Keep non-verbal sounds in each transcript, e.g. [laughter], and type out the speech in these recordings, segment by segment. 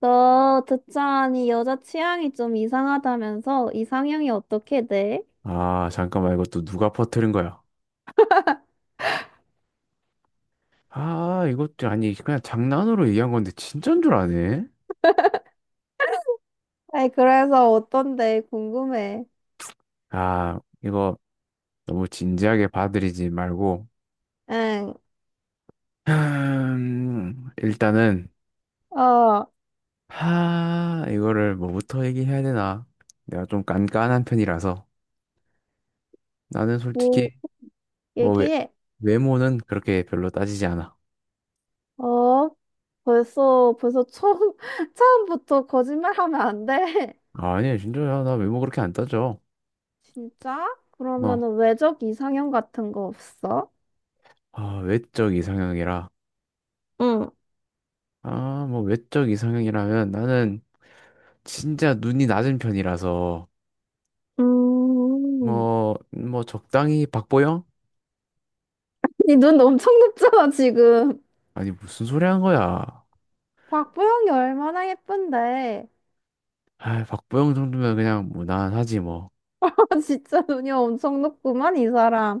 너 듣자하니 여자 취향이 좀 이상하다면서 이상형이 어떻게 돼? 아, 잠깐만, 이것도 누가 퍼뜨린 거야? [laughs] 아, 이것도 아니, 그냥 장난으로 얘기한 건데, 진짠 줄 아네? 아이, 그래서 어떤데? 궁금해. 아, 이거 너무 진지하게 받아들이지 말고, 응, 일단은, 어, 하, 이거를 뭐부터 얘기해야 되나? 내가 좀 깐깐한 편이라서, 나는 뭐, 솔직히, 뭐, 외, 얘기해. 외모는 그렇게 별로 따지지 않아. 어, 벌써 처음, [laughs] 처음부터 거짓말하면 안 돼. 아니, 진짜야, 나 외모 그렇게 안 따져. [laughs] 진짜? 어, 그러면은 외적 이상형 같은 거 없어? 아, 외적 이상형이라. 응. 아, 뭐, 외적 이상형이라면 나는, 진짜 눈이 낮은 편이라서 음, 뭐 적당히 박보영? 니 눈 엄청 높잖아, 지금. 아니 무슨 소리 한 거야? 박보영이 얼마나 예쁜데. 아 박보영 정도면 그냥 무난하지 뭐. 아, 진짜 눈이 엄청 높구만, 이 사람.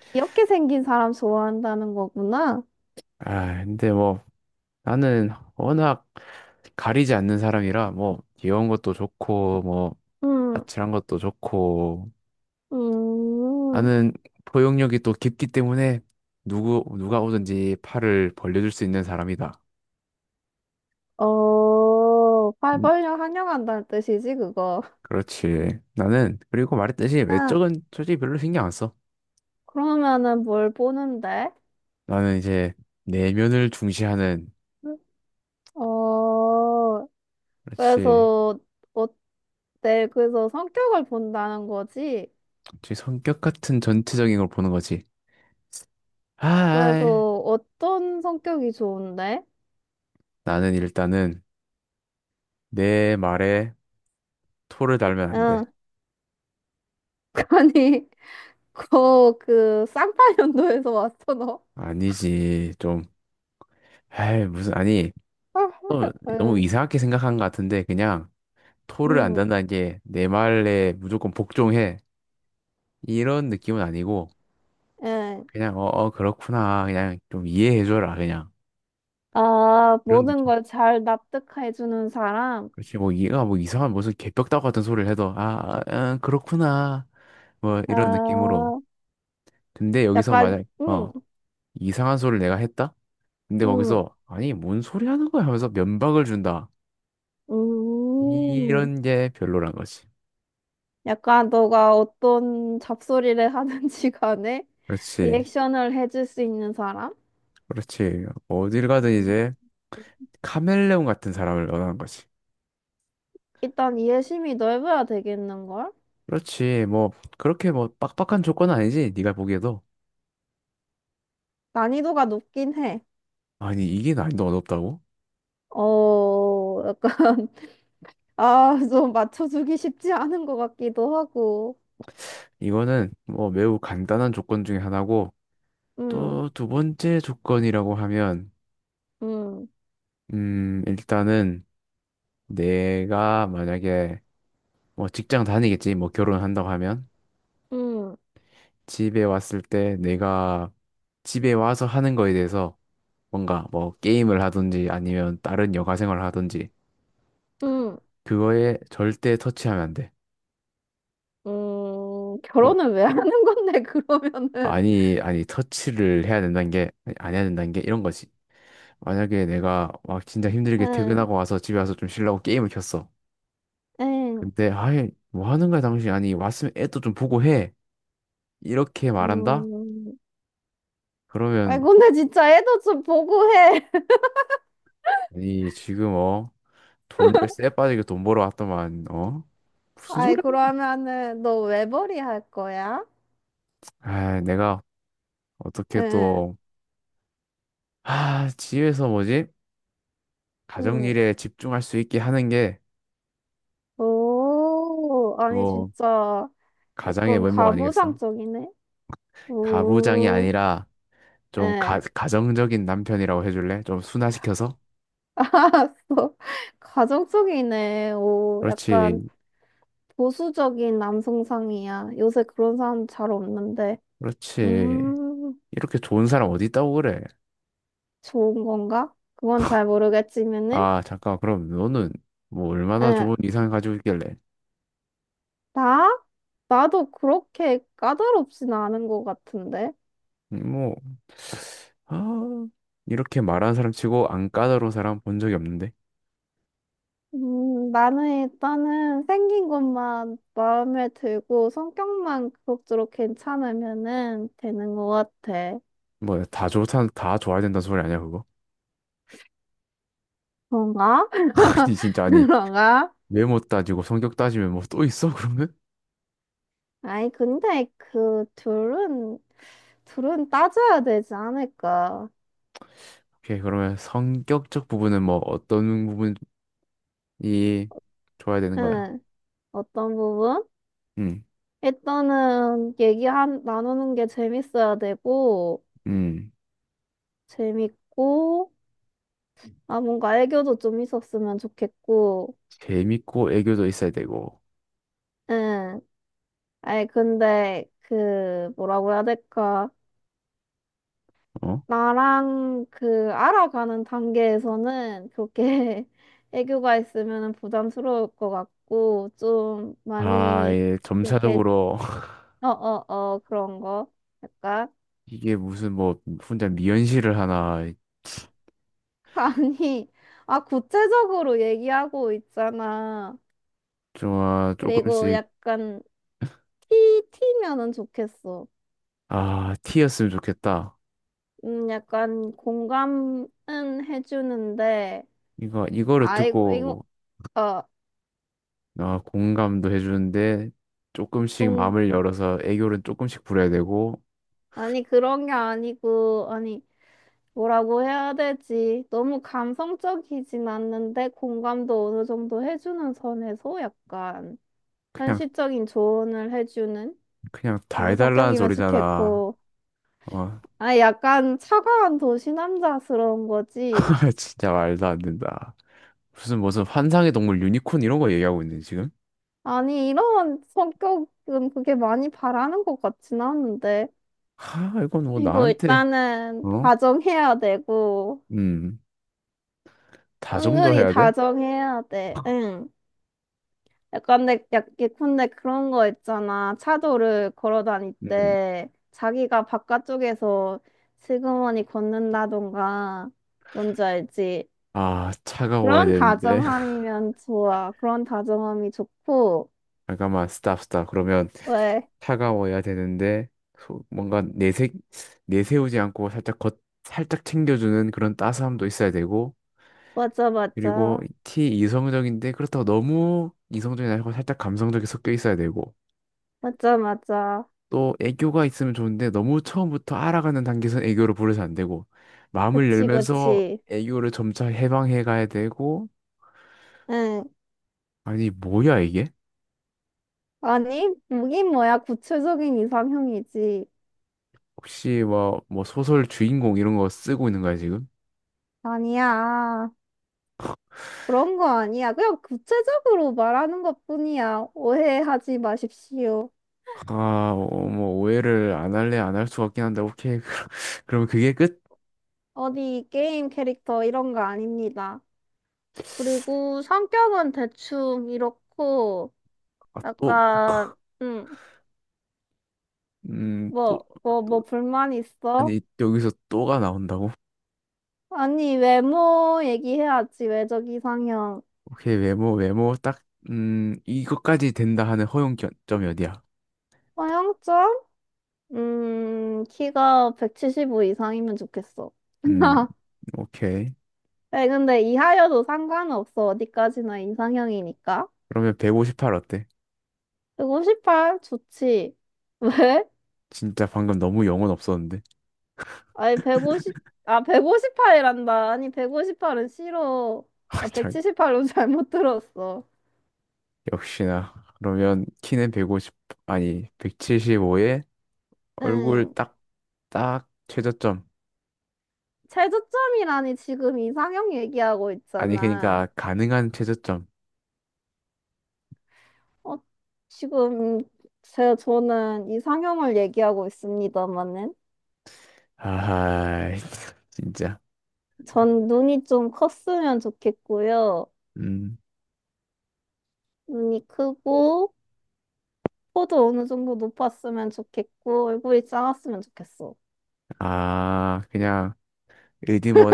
귀엽게 생긴 사람 좋아한다는 거구나. 아 근데 뭐 나는 워낙 가리지 않는 사람이라 뭐 귀여운 것도 좋고 뭐 음, 아찔한 것도 좋고 음, 나는 포용력이 또 깊기 때문에 누구 누가 오든지 팔을 벌려줄 수 있는 사람이다. 어, 팔 음, 벌려 환영한다는 뜻이지, 그거. 그렇지. 나는 그리고 말했듯이 아, 외적은 솔직히 별로 신경 안 써. 그러면은 뭘 보는데? 나는 이제 내면을 중시하는, 어, 그렇지. 그래서, 어, 네, 그래서 성격을 본다는 거지. 제 성격 같은 전체적인 걸 보는 거지. 아, 그래서 어떤 성격이 좋은데? 나는 일단은 내 말에 토를 달면 안 돼. 응, [laughs] 아니, 그, 쌍파년도에서 왔어, 너? 아니지, 좀. 에이, 무슨, 아니, 또 너무 응. 이상하게 생각한 것 같은데, 그냥 토를 안 음, 단다는 게 내 말에 무조건 복종해. 이런 느낌은 아니고, 예. 그냥, 어, 어, 그렇구나. 그냥 좀 이해해줘라, 그냥. 아, 그런 모든 느낌. 걸 잘 납득해주는 사람. 그렇지, 뭐, 이가 뭐 이상한 무슨 개벽다구 같은 소리를 해도, 아, 아, 아, 그렇구나. 뭐 이런 느낌으로. 아, 근데 여기서 약간, 만약 어 이상한 소리를 내가 했다? 근데 음, 거기서 아니 뭔 소리 하는 거야 하면서 면박을 준다. 음. 이런 게 별로란 거지. 약간 너가 어떤 잡소리를 [laughs] 하든지 간에 그렇지, 리액션을 해줄 수 있는 사람? 그렇지. 어딜 가든 음. 이제 카멜레온 같은 사람을 원하는 거지. 일단 이해심이 넓어야 되겠는걸? 그렇지. 뭐 그렇게 뭐 빡빡한 조건은 아니지. 네가 보기에도 난이도가 높긴 해. 아니 이게 난이도 어렵다고? 어, 약간, [laughs] 아, 좀 맞춰주기 쉽지 않은 것 같기도 하고. 이거는 뭐 매우 간단한 조건 중에 하나고 또 음, 두 번째 조건이라고 하면 음, 일단은 내가 만약에 뭐 직장 다니겠지. 뭐 결혼한다고 하면 음, 집에 왔을 때 내가 집에 와서 하는 거에 대해서 뭔가 뭐 게임을 하든지 아니면 다른 여가 생활을 하든지 음. 그거에 절대 터치하면 안 돼. 뭐 결혼을 왜 하는 건데, [laughs] 그러면은. 아니 터치를 해야 된다는 게 아니, 안 해야 된다는 게 이런 거지. 만약에 내가 막 진짜 힘들게 응, 퇴근하고 와서 집에 와서 좀 쉬려고 게임을 켰어. 응, 근데 아이 뭐 하는 거야 당신 아니 왔으면 애도 좀 보고 해. 이렇게 말한다? 음. 아이, 그러면 근데 진짜 애도 좀 보고 해. [laughs] 아니 지금 어 돈을 쎄 빠지게 돈 벌어 왔더만, 어? 무슨 아이, 소리야? 그러면은, 너 외벌이 할 거야? 아, 내가 어떻게 응, 또, 아, 집에서 뭐지? 응. 가정일에 집중할 수 있게 하는 게 오, 아니, 또 진짜, 가장의 약간 면목 아니겠어? 가부장적이네? 가부장이 오, 아니라 좀 가, 예, 가정적인 남편이라고 해줄래? 좀 순화시켜서? [laughs] 알았어. 가정적이네. 오, 약간 그렇지, 보수적인 남성상이야. 요새 그런 사람 잘 없는데. 그렇지. 음. 이렇게 좋은 사람 어디 있다고 그래? 좋은 건가? 그건 잘 모르겠지만은, 아, 잠깐, 그럼 너는 뭐 얼마나 응, 좋은 이상을 가지고 있길래? 나? 나도 그렇게 까다롭진 않은 것 같은데. 뭐, 아, 이렇게 말하는 사람 치고 안 까다로운 사람 본 적이 없는데. 나는 일단은 생긴 것만 마음에 들고 성격만 그럭저럭 괜찮으면은 되는 것 같아. 뭐, 다 좋다, 다 좋아야 된다는 소리 아니야, 그거? 그런가? [laughs] [laughs] 아니, 진짜, 아니, 그런가? 외모 따지고 성격 따지면 뭐 또 있어, 그러면? 아니, 근데 그 둘은, 따져야 되지 않을까? 오케이, 그러면 성격적 부분은 뭐 어떤 부분이 좋아야 되는 거야? 응, 어떤 부분? 음, 일단은 얘기한 나누는 게 재밌어야 되고 음, 재밌고 아 뭔가 애교도 좀 있었으면 좋겠고 재밌고 애교도 있어야 되고, 응 아니 근데 그 뭐라고 해야 될까 어? 나랑 그 알아가는 단계에서는 그렇게 [laughs] 애교가 있으면 부담스러울 것 같고 좀 아, 많이 예, 이렇게 점차적으로 [laughs] 어어어 그런 거 약간 이게 무슨 뭐 혼자 미연시를 하나, [laughs] 아니 아 구체적으로 얘기하고 있잖아. 좀, 아, 그리고 조금씩, 약간 피 튀면은 좋겠어. 아, 티였으면 좋겠다. 약간 공감은 해주는데, 이거를 아이고, 이거, 듣고, 어, 아, 공감도 해주는데, 조금씩 음, 마음을 열어서 애교를 조금씩 부려야 되고, 아니, 그런 게 아니고, 아니, 뭐라고 해야 되지? 너무 감성적이진 않는데, 공감도 어느 정도 해주는 선에서 약간 그냥, 현실적인 조언을 해주는 그냥 다 그런 해달라는 성격이면 소리잖아. 좋겠고, 어, 아, 약간 차가운 도시 남자스러운 거지. [laughs] 진짜 말도 안 된다. 무슨, 무슨 환상의 동물 유니콘 이런 거 얘기하고 있네, 지금? 아니, 이런 성격은 그게 많이 바라는 것 같진 않은데. 하, 이건 뭐 이거 나한테, 일단은 어? 다정해야 되고, 음, 다 정도 은근히 해야 돼? 다정해야 돼. 응. 약간 예컨대 그런 거 있잖아. 차도를 걸어 다닐 음, 때 자기가 바깥쪽에서 슬그머니 걷는다던가, 뭔지 알지? 아, 차가워야 그런 되는데. 다정함이면 좋아. 그런 다정함이 좋고, 잠깐만, 스탑. 그러면 왜? 차가워야 되는데, 소- 뭔가 내색, 내세우지 않고 살짝 겉, 살짝 챙겨주는 그런 따스함도 있어야 되고, 맞아, 그리고 맞아. 티 이성적인데, 그렇다고 너무 이성적이 아니고 살짝 감성적이 섞여 있어야 되고, 맞아, 맞아. 또 애교가 있으면 좋은데, 너무 처음부터 알아가는 단계에서 애교를 부려서 안 되고, 마음을 그치, 열면서 그치. 애교를 점차 해방해 가야 되고, 응. 아니, 뭐야, 이게? 아니, 뭐긴 뭐야. 구체적인 이상형이지. 혹시 뭐 소설 주인공 이런 거 쓰고 있는 거야, 지금? 아니야. 그런 거 아니야. 그냥 구체적으로 말하는 것뿐이야. 오해하지 마십시오. 아, 어, 뭐 오해를 안 할래 안 할 수 같긴 한데 오케이. [laughs] 그럼 그게 끝? 어디 게임 캐릭터 이런 거 아닙니다. 그리고 성격은 대충 이렇고, 아, 또 약간, 응, 또 뭐 불만 있어? 아니 여기서 또가 나온다고? 아니, 외모 얘기해야지. 외적 이상형. 오케이 외모 딱 이것까지 된다 하는 허용점이 어디야? 서양적? 키가 175 이상이면 좋겠어. 음, [laughs] 오케이. 네, 근데 이하여도 상관없어. 어디까지나 이상형이니까. 그러면 158 어때? 158? 좋지. [laughs] 왜? 진짜 방금 너무 영혼 없었는데. 아니, 150, 아, 158이란다. 아니, 158은 싫어. [laughs] 아, 나 참 178로 [laughs] 잘못 들었어. 역시나. 그러면 키는 150 아니 175에 얼굴 응. 딱 최저점. 최저점이라니, 지금 이상형 얘기하고 아니 있잖아. 그러니까 가능한 최저점. 어, 지금, 저는 이상형을 얘기하고 있습니다만은 아, [laughs] 진짜. 전 눈이 좀 컸으면 좋겠고요. 음, 눈이 크고, 코도 어느 정도 높았으면 좋겠고, 얼굴이 작았으면 좋겠어. 아, 그냥, 어디 뭐,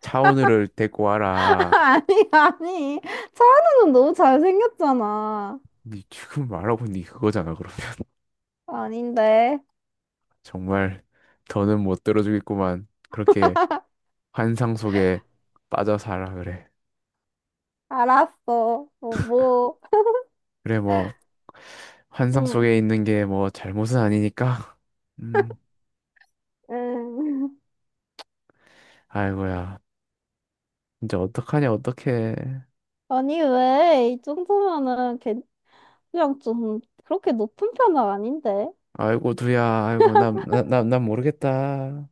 차오늘을 데리고 [laughs] 와라. 아니, 아니. 차은우는 너무 잘생겼잖아. 니 지금 말하고 니 그거잖아, 그러면. [laughs] 아닌데. 정말, 더는 못 들어주겠구만. 그렇게 환상 속에 빠져 살아, 그래. 알았어. 뭐, 뭐. 그래, 뭐, 환상 응, 속에 있는 게 뭐, 잘못은 아니니까. 음, 응. [laughs] 아이고야. 진짜 어떡하냐, 어떡해. 아니, 왜? 이 정도면은 그냥 좀 그렇게 높은 편은 아닌데. 아이고, 두야, 아이고, 난 모르겠다.